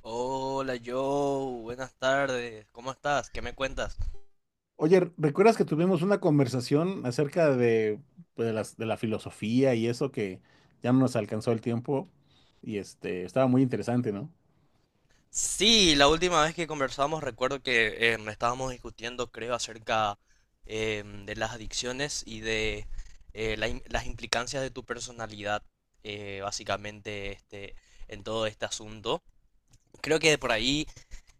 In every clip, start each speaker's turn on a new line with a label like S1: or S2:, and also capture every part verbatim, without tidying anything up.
S1: Hola Joe, buenas tardes, ¿cómo estás? ¿Qué me cuentas?
S2: Oye, ¿recuerdas que tuvimos una conversación acerca de, pues, de las, de la filosofía y eso que ya no nos alcanzó el tiempo? Y este, estaba muy interesante, ¿no?
S1: Sí, la última vez que conversamos recuerdo que em, estábamos discutiendo, creo, acerca em, de las adicciones y de eh, la im- las implicancias de tu personalidad, eh, básicamente, este, en todo este asunto. Creo que de por ahí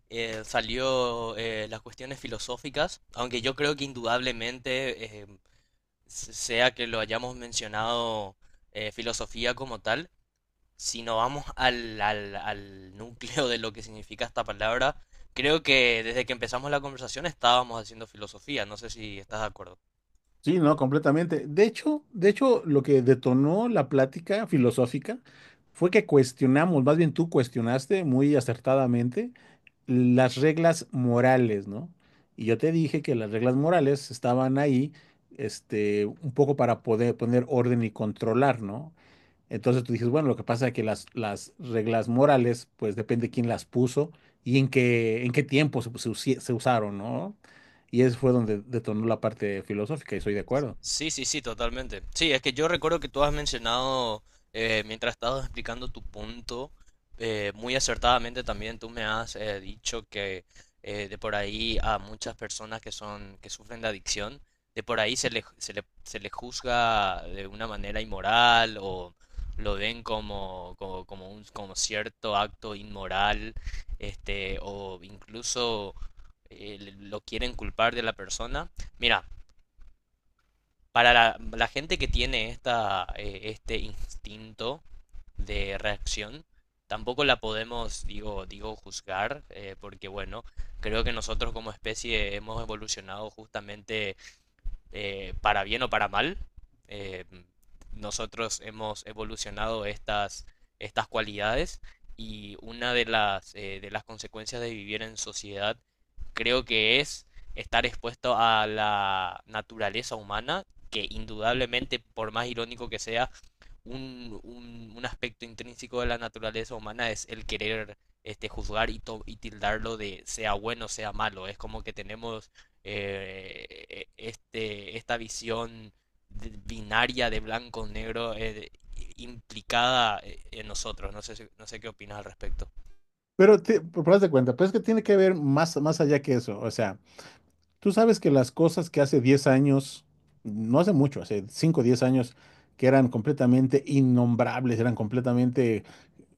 S1: eh, salió eh, las cuestiones filosóficas, aunque yo creo que indudablemente, em, s- sea que lo hayamos mencionado eh, filosofía como tal, si nos vamos al, al, al núcleo de lo que significa esta palabra, creo que desde que empezamos la conversación estábamos haciendo filosofía. No sé si estás de acuerdo.
S2: Sí, no, completamente. De hecho, de hecho, lo que detonó la plática filosófica fue que cuestionamos, más bien tú cuestionaste muy acertadamente las reglas morales, ¿no? Y yo te dije que las reglas morales estaban ahí, este, un poco para poder poner orden y controlar, ¿no? Entonces tú dices, bueno, lo que pasa es que las, las reglas morales, pues depende de quién las puso y en qué, en qué tiempo se, se usi- se usaron, ¿no? Y eso fue donde detonó la parte filosófica y soy de acuerdo.
S1: Sí, sí, sí, totalmente. Sí, es que yo recuerdo que tú has mencionado, eh, mientras estabas explicando tu punto, eh, muy acertadamente también tú me has eh, dicho que eh, de por ahí a muchas personas que son, que sufren de adicción, de por ahí se le, se le, se le juzga de una manera inmoral o lo ven como, como, como un, como cierto acto inmoral, este, o incluso eh, lo quieren culpar de la persona. Mira para la, la gente que tiene esta, eh, este instinto de reacción, tampoco la podemos, digo, digo, juzgar, eh, porque bueno, creo que nosotros como especie hemos evolucionado justamente eh, para bien o para mal, eh, nosotros hemos evolucionado estas, estas cualidades y una de las, eh, de las consecuencias de vivir en sociedad creo que es estar expuesto a la naturaleza humana, que indudablemente, por más irónico que sea, un, un, un aspecto intrínseco de la naturaleza humana es el querer este, juzgar y, to- y tildarlo de sea bueno, sea malo. Es como que tenemos eh, este, esta visión de- binaria de blanco-negro eh, implicada eh, en nosotros. No sé, si- no sé qué opinas al respecto.
S2: Pero, te, pero haz de cuenta, pero es que tiene que ver más, más allá que eso. O sea, tú sabes que las cosas que hace diez años, no hace mucho, hace cinco o diez años, que eran completamente innombrables, eran completamente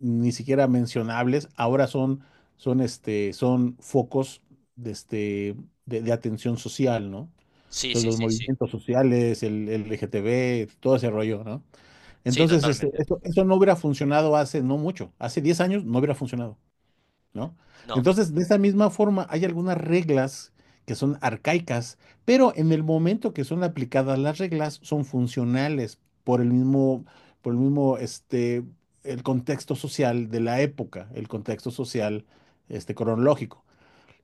S2: ni siquiera mencionables, ahora son, son, este, son focos de, este, de, de atención social, ¿no?
S1: Sí,
S2: Los,
S1: sí,
S2: los
S1: sí, sí.
S2: movimientos sociales, el, el L G T B, todo ese rollo, ¿no?
S1: Sí,
S2: Entonces, este,
S1: totalmente.
S2: eso, eso no hubiera funcionado hace no mucho, hace diez años no hubiera funcionado, ¿no?
S1: No.
S2: Entonces, de esa misma forma, hay algunas reglas que son arcaicas, pero en el momento que son aplicadas las reglas son funcionales por el mismo, por el mismo, este, el contexto social de la época, el contexto social, este, cronológico.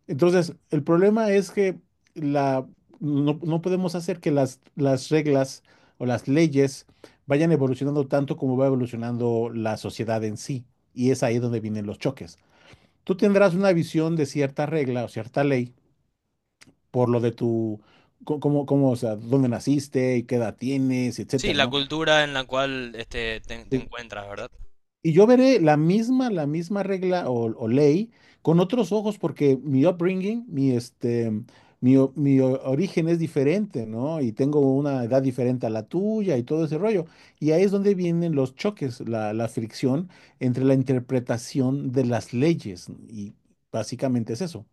S2: Entonces, el problema es que la, no, no podemos hacer que las, las reglas o las leyes vayan evolucionando tanto como va evolucionando la sociedad en sí, y es ahí donde vienen los choques. Tú tendrás una visión de cierta regla o cierta ley por lo de tu, co- cómo, cómo, o sea, dónde naciste y qué edad tienes,
S1: Sí,
S2: etcétera,
S1: la
S2: ¿no?
S1: cultura en la cual este, te, te
S2: Sí.
S1: encuentras, ¿verdad?
S2: Y yo veré la misma, la misma regla o, o ley con otros ojos porque mi upbringing, mi, este, mi, o- mi o- origen es diferente, ¿no? Y tengo una edad diferente a la tuya y todo ese rollo. Y ahí es donde vienen los choques, la, la fricción entre la interpretación de las leyes, ¿no? Y básicamente es eso.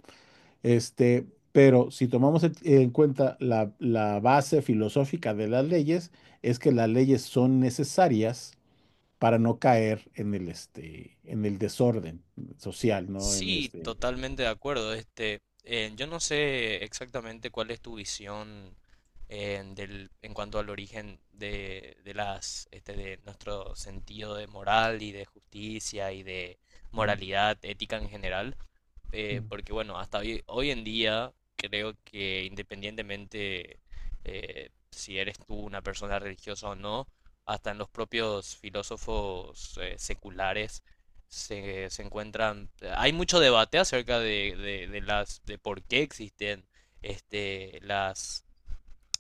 S2: Este, pero si tomamos en en cuenta la, la base filosófica de las leyes, es que las leyes son necesarias para no caer en el, este, en el desorden social, ¿no? En
S1: Sí,
S2: este.
S1: totalmente de acuerdo. Este, eh, yo no sé exactamente cuál es tu visión eh, del, en cuanto al origen de, de las, este, de nuestro sentido de moral y de justicia y de
S2: Ujú,
S1: moralidad ética en general, eh,
S2: ujú.
S1: porque bueno, hasta hoy, hoy en día creo que independientemente eh, si eres tú una persona religiosa o no, hasta en los propios filósofos eh, seculares se, se encuentran, hay mucho debate acerca de, de, de las, de por qué existen este, las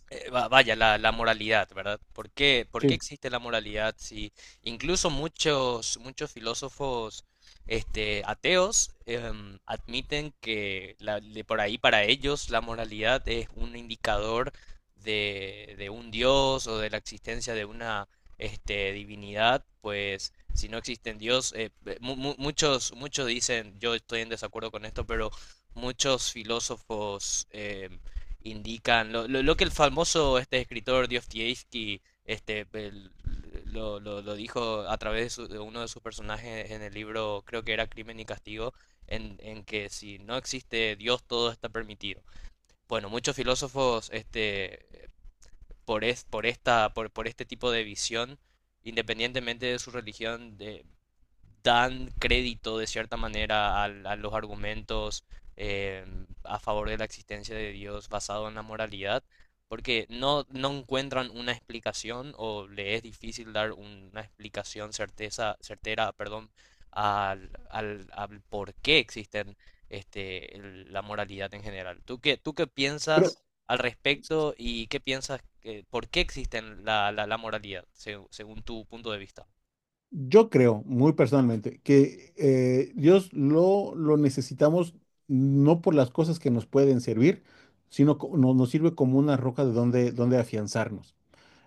S1: eh, va- vaya, la, la moralidad, ¿verdad? ¿Por qué, por qué
S2: Sí.
S1: existe la moralidad? Si incluso muchos, muchos filósofos este, ateos em, admiten que la- de por ahí para ellos la moralidad es un indicador de, de un dios o de la existencia de una este, divinidad, pues si no existe Dios, eh, eh, mu- mu- muchos, muchos dicen, yo estoy en desacuerdo con esto, pero muchos filósofos... em, indican lo, lo, lo que el famoso este escritor Dostoyevsky este el- lo, lo- lo dijo a través de, su- de uno de sus personajes en el libro, creo que era Crimen y Castigo, en, en que si no existe Dios todo está permitido. Bueno, muchos filósofos este por es- por esta por, por este tipo de visión, independientemente de su religión, de- dan crédito de cierta manera al- a, los argumentos eh, a favor de la existencia de Dios basado en la moralidad, porque no, no encuentran una explicación o le es difícil dar una explicación certeza, certera, perdón, al, al, al por qué existen este, el- la moralidad en general. ¿Tú qué, tú qué
S2: Pero
S1: piensas al respecto y qué piensas que, por qué existen la, la, la moralidad, seg- según tu punto de vista?
S2: yo creo, muy personalmente, que eh, Dios lo, lo necesitamos no por las cosas que nos pueden servir, sino co- no- nos sirve como una roca de donde, donde afianzarnos.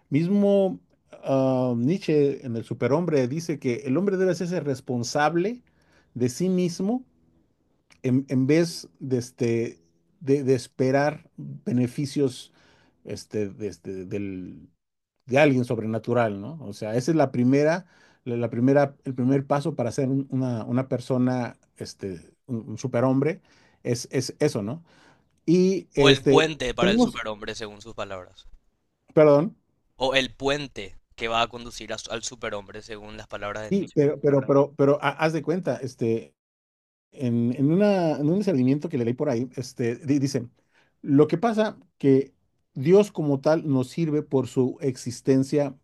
S2: Mismo ah, Nietzsche en el Superhombre dice que el hombre debe hacerse responsable de sí mismo en, en vez de, este, de, de esperar beneficios este, de, este, del, de alguien sobrenatural, ¿no? O sea, esa es la primera, la, la primera, el primer paso para ser un- una, una persona, este, un, un superhombre, es, es eso, ¿no? Y
S1: O el
S2: este,
S1: puente para el
S2: tenemos,
S1: superhombre, según sus palabras.
S2: perdón,
S1: O el puente que va a conducir a su- al superhombre, según las palabras de
S2: sí,
S1: Nietzsche.
S2: pero, pero, pero, pero, ha- haz de cuenta, este, en, en una, en un discernimiento que le leí por ahí, este, di- dice, lo que pasa que Dios como tal nos sirve por su existencia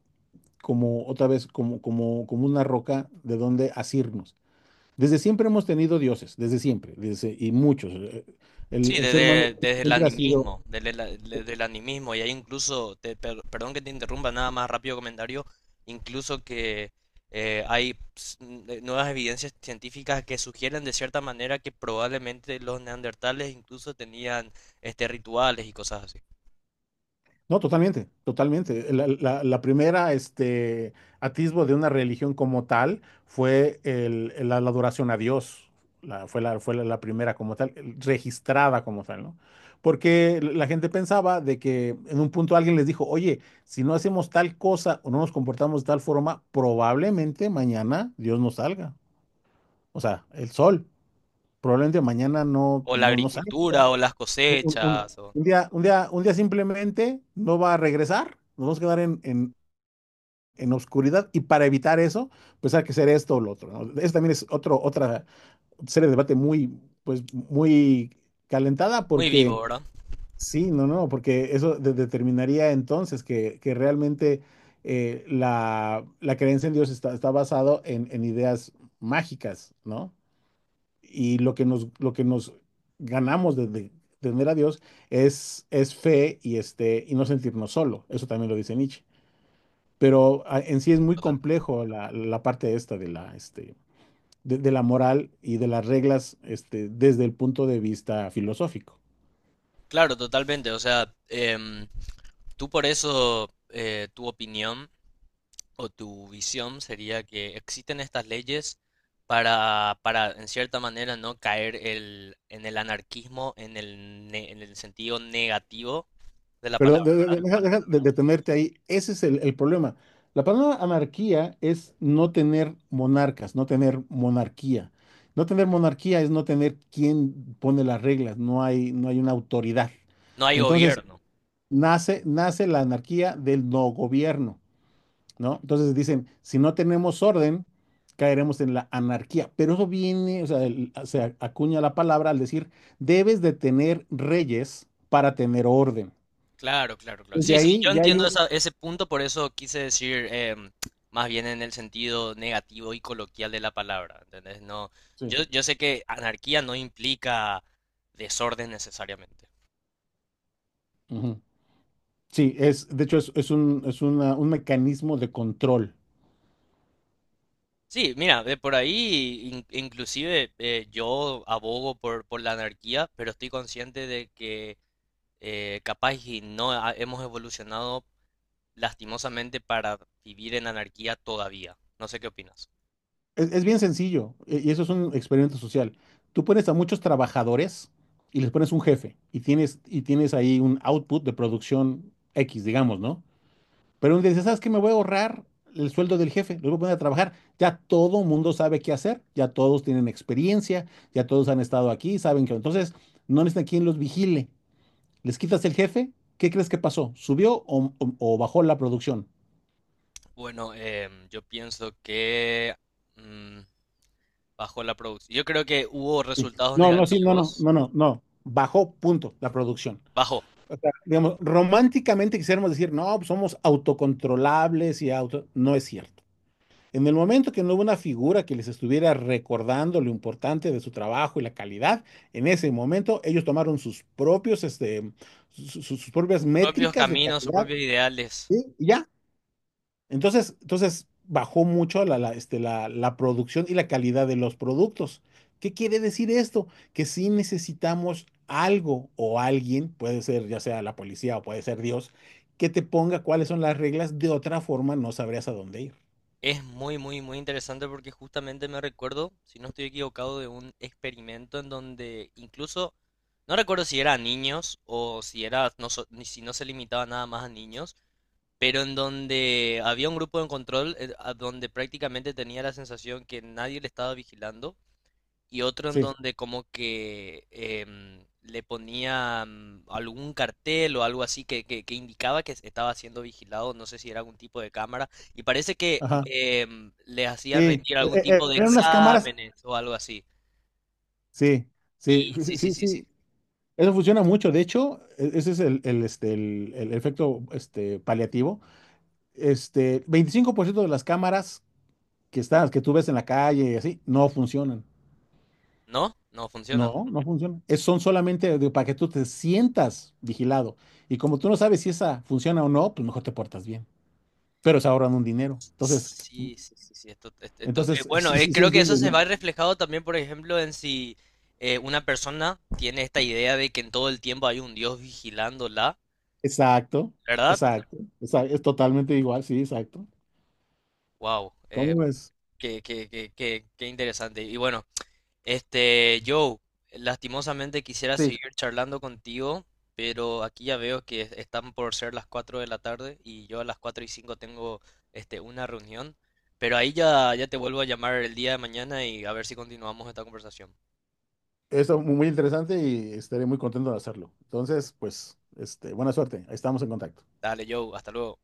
S2: como otra vez, como, como, como una roca de donde asirnos. Desde siempre hemos tenido dioses, desde siempre, desde, y muchos. eh,
S1: Sí,
S2: El, el ser humano
S1: desde, desde el
S2: siempre ha sido.
S1: animismo, desde, la- desde el animismo. Y hay incluso, te- per- perdón que te interrumpa, nada más rápido comentario, incluso que eh, hay ps, n- eh, nuevas evidencias científicas que sugieren de cierta manera que probablemente los neandertales incluso tenían este, rituales y cosas así.
S2: No, totalmente, totalmente. La, la- la primera, este, atisbo de una religión como tal fue el- la, la adoración a Dios. La- fue la, fue la, la primera como tal, el- registrada como tal, ¿no? Porque la gente pensaba de que en un punto alguien les dijo, oye, si no hacemos tal cosa o no nos comportamos de tal forma, probablemente mañana Dios no salga. O sea, el sol, probablemente mañana no,
S1: O la
S2: no, no salga
S1: agricultura, o las
S2: un, un- un-
S1: cosechas, o...
S2: un día, un día, un día simplemente no va a regresar, nos vamos a quedar en, en, en oscuridad y para evitar eso, pues hay que hacer esto o lo otro, ¿no? Eso también es otro, otra serie de debate muy, pues, muy calentada
S1: Muy vivo,
S2: porque
S1: ¿verdad?
S2: sí, no, no, porque eso de- determinaría entonces que, que realmente eh, la, la creencia en Dios está, está basado en, en ideas mágicas, ¿no? Y lo que nos, lo que nos ganamos de, de tener a Dios es, es fe y, este, y no sentirnos solo. Eso también lo dice Nietzsche. Pero a- en sí es muy
S1: Total.
S2: complejo la, la parte esta de la, este, de, de la moral y de las reglas este, desde el punto de vista filosófico.
S1: Claro, totalmente. O sea, em, tú por eso, eh, tu opinión o tu visión sería que existen estas leyes para, para, en cierta manera, no caer el, en el anarquismo, en el, ne- en el sentido negativo de la
S2: Perdón,
S1: palabra.
S2: de- de- de- deja- deja de detenerte ahí. Ese es el, el problema. La palabra anarquía es no tener monarcas, no tener monarquía. No tener monarquía es no tener quien pone las reglas, no hay, no hay una autoridad.
S1: No hay
S2: Entonces,
S1: gobierno.
S2: nace, nace la anarquía del no gobierno, ¿no? Entonces dicen, si no tenemos orden, caeremos en la anarquía. Pero eso viene, o sea, el- se acuña la palabra al decir, debes de tener reyes para tener orden.
S1: Claro, claro, claro.
S2: Desde
S1: Sí, sí, sí, yo
S2: ahí
S1: yo
S2: ya hay.
S1: entiendo esa- ese punto, por eso quise decir em, más bien en el sentido negativo y coloquial de la palabra, ¿entendés? No,
S2: Sí.
S1: yo, yo sé que anarquía no implica desorden necesariamente.
S2: Ujú. Sí, es, de hecho, es, es un, es una- un mecanismo de control.
S1: Sí, mira, de por ahí in- inclusive eh, yo abogo por, por la anarquía, pero estoy consciente de que eh, capaz y no ha- hemos evolucionado lastimosamente para vivir en anarquía todavía. No sé qué opinas.
S2: Es, es bien sencillo e- y eso es un experimento social. Tú pones a muchos trabajadores y les pones un jefe y tienes, y tienes ahí un output de producción X, digamos, ¿no? Pero un día dices, ¿sabes qué? Me voy a ahorrar el sueldo del jefe, los voy a poner a trabajar. Ya todo mundo sabe qué hacer, ya todos tienen experiencia, ya todos han estado aquí, saben que entonces no necesitan quien los vigile. Les quitas el jefe, ¿qué crees que pasó? ¿Subió o, o- o bajó la producción?
S1: Bueno, em, yo pienso que mm, bajó la producción. Yo creo que hubo
S2: Sí.
S1: resultados
S2: No, no, sí, no, no,
S1: negativos.
S2: no, no, no. Bajó, punto, la producción.
S1: Bajó
S2: O sea, digamos, románticamente quisiéramos decir, no, pues somos autocontrolables y auto. No es cierto. En el momento que no hubo una figura que les estuviera recordando lo importante de su trabajo y la calidad, en ese momento ellos tomaron sus propios, este, su- sus propias
S1: sus propios
S2: métricas de
S1: caminos, sus
S2: calidad,
S1: propios ideales.
S2: ¿sí? Y ya. Entonces, entonces bajó mucho la, la, este, la, la producción y la calidad de los productos. ¿Qué quiere decir esto? Que si necesitamos algo o alguien, puede ser ya sea la policía o puede ser Dios, que te ponga cuáles son las reglas, de otra forma no sabrías a dónde ir.
S1: Es muy, muy, muy interesante porque justamente me recuerdo, si no estoy equivocado, de un experimento en donde incluso, no recuerdo si era a niños o si era, no, so- ni si no se limitaba nada más a niños, pero en donde había un grupo de control eh, a donde prácticamente tenía la sensación que nadie le estaba vigilando y otro en
S2: Sí,
S1: donde como que em, le ponían algún cartel o algo así que, que- que indicaba que estaba siendo vigilado, no sé si era algún tipo de cámara, y parece que
S2: ajá,
S1: em, les hacían
S2: sí.
S1: rendir
S2: E-
S1: algún
S2: e-
S1: tipo de
S2: Eran unas cámaras,
S1: exámenes o algo así.
S2: sí,
S1: Y
S2: sí,
S1: sí, sí,
S2: sí,
S1: sí, sí.
S2: sí. Eso funciona mucho. De hecho, e- ese es el, el, este, el, el efecto este, paliativo. Este, veinticinco por ciento de las cámaras que estás, que tú ves en la calle y así, no funcionan.
S1: ¿No? No funciona.
S2: No, no funcionan. Es- son solamente de- para que tú te sientas vigilado. Y como tú no sabes si esa funciona o no, pues mejor te portas bien. Pero se ahorran un dinero. Entonces,
S1: Sí, sí, sí, sí. Esto, esto- esto- eh,
S2: entonces,
S1: bueno,
S2: sí,
S1: eh,
S2: sí, sí
S1: creo que eso
S2: entiendes,
S1: se
S2: ¿no?
S1: va reflejado también, por ejemplo, en si eh, una persona tiene esta idea de que en todo el tiempo hay un Dios vigilándola,
S2: Exacto,
S1: ¿verdad?
S2: exacto. Esa- es totalmente igual, sí, exacto.
S1: Wow.
S2: ¿Cómo ves?
S1: Qué, qué, qué- qué- qué interesante. Y bueno, este, Joe, lastimosamente quisiera
S2: Sí,
S1: seguir charlando contigo, pero aquí ya veo que están por ser las cuatro de la tarde y yo a las cuatro y cinco tengo este, una reunión. Pero ahí ya, ya te vuelvo a llamar el día de mañana y a ver si continuamos esta conversación.
S2: eso muy muy interesante y estaré muy contento de hacerlo. Entonces, pues, este, buena suerte. Estamos en contacto.
S1: Dale, Joe, hasta luego.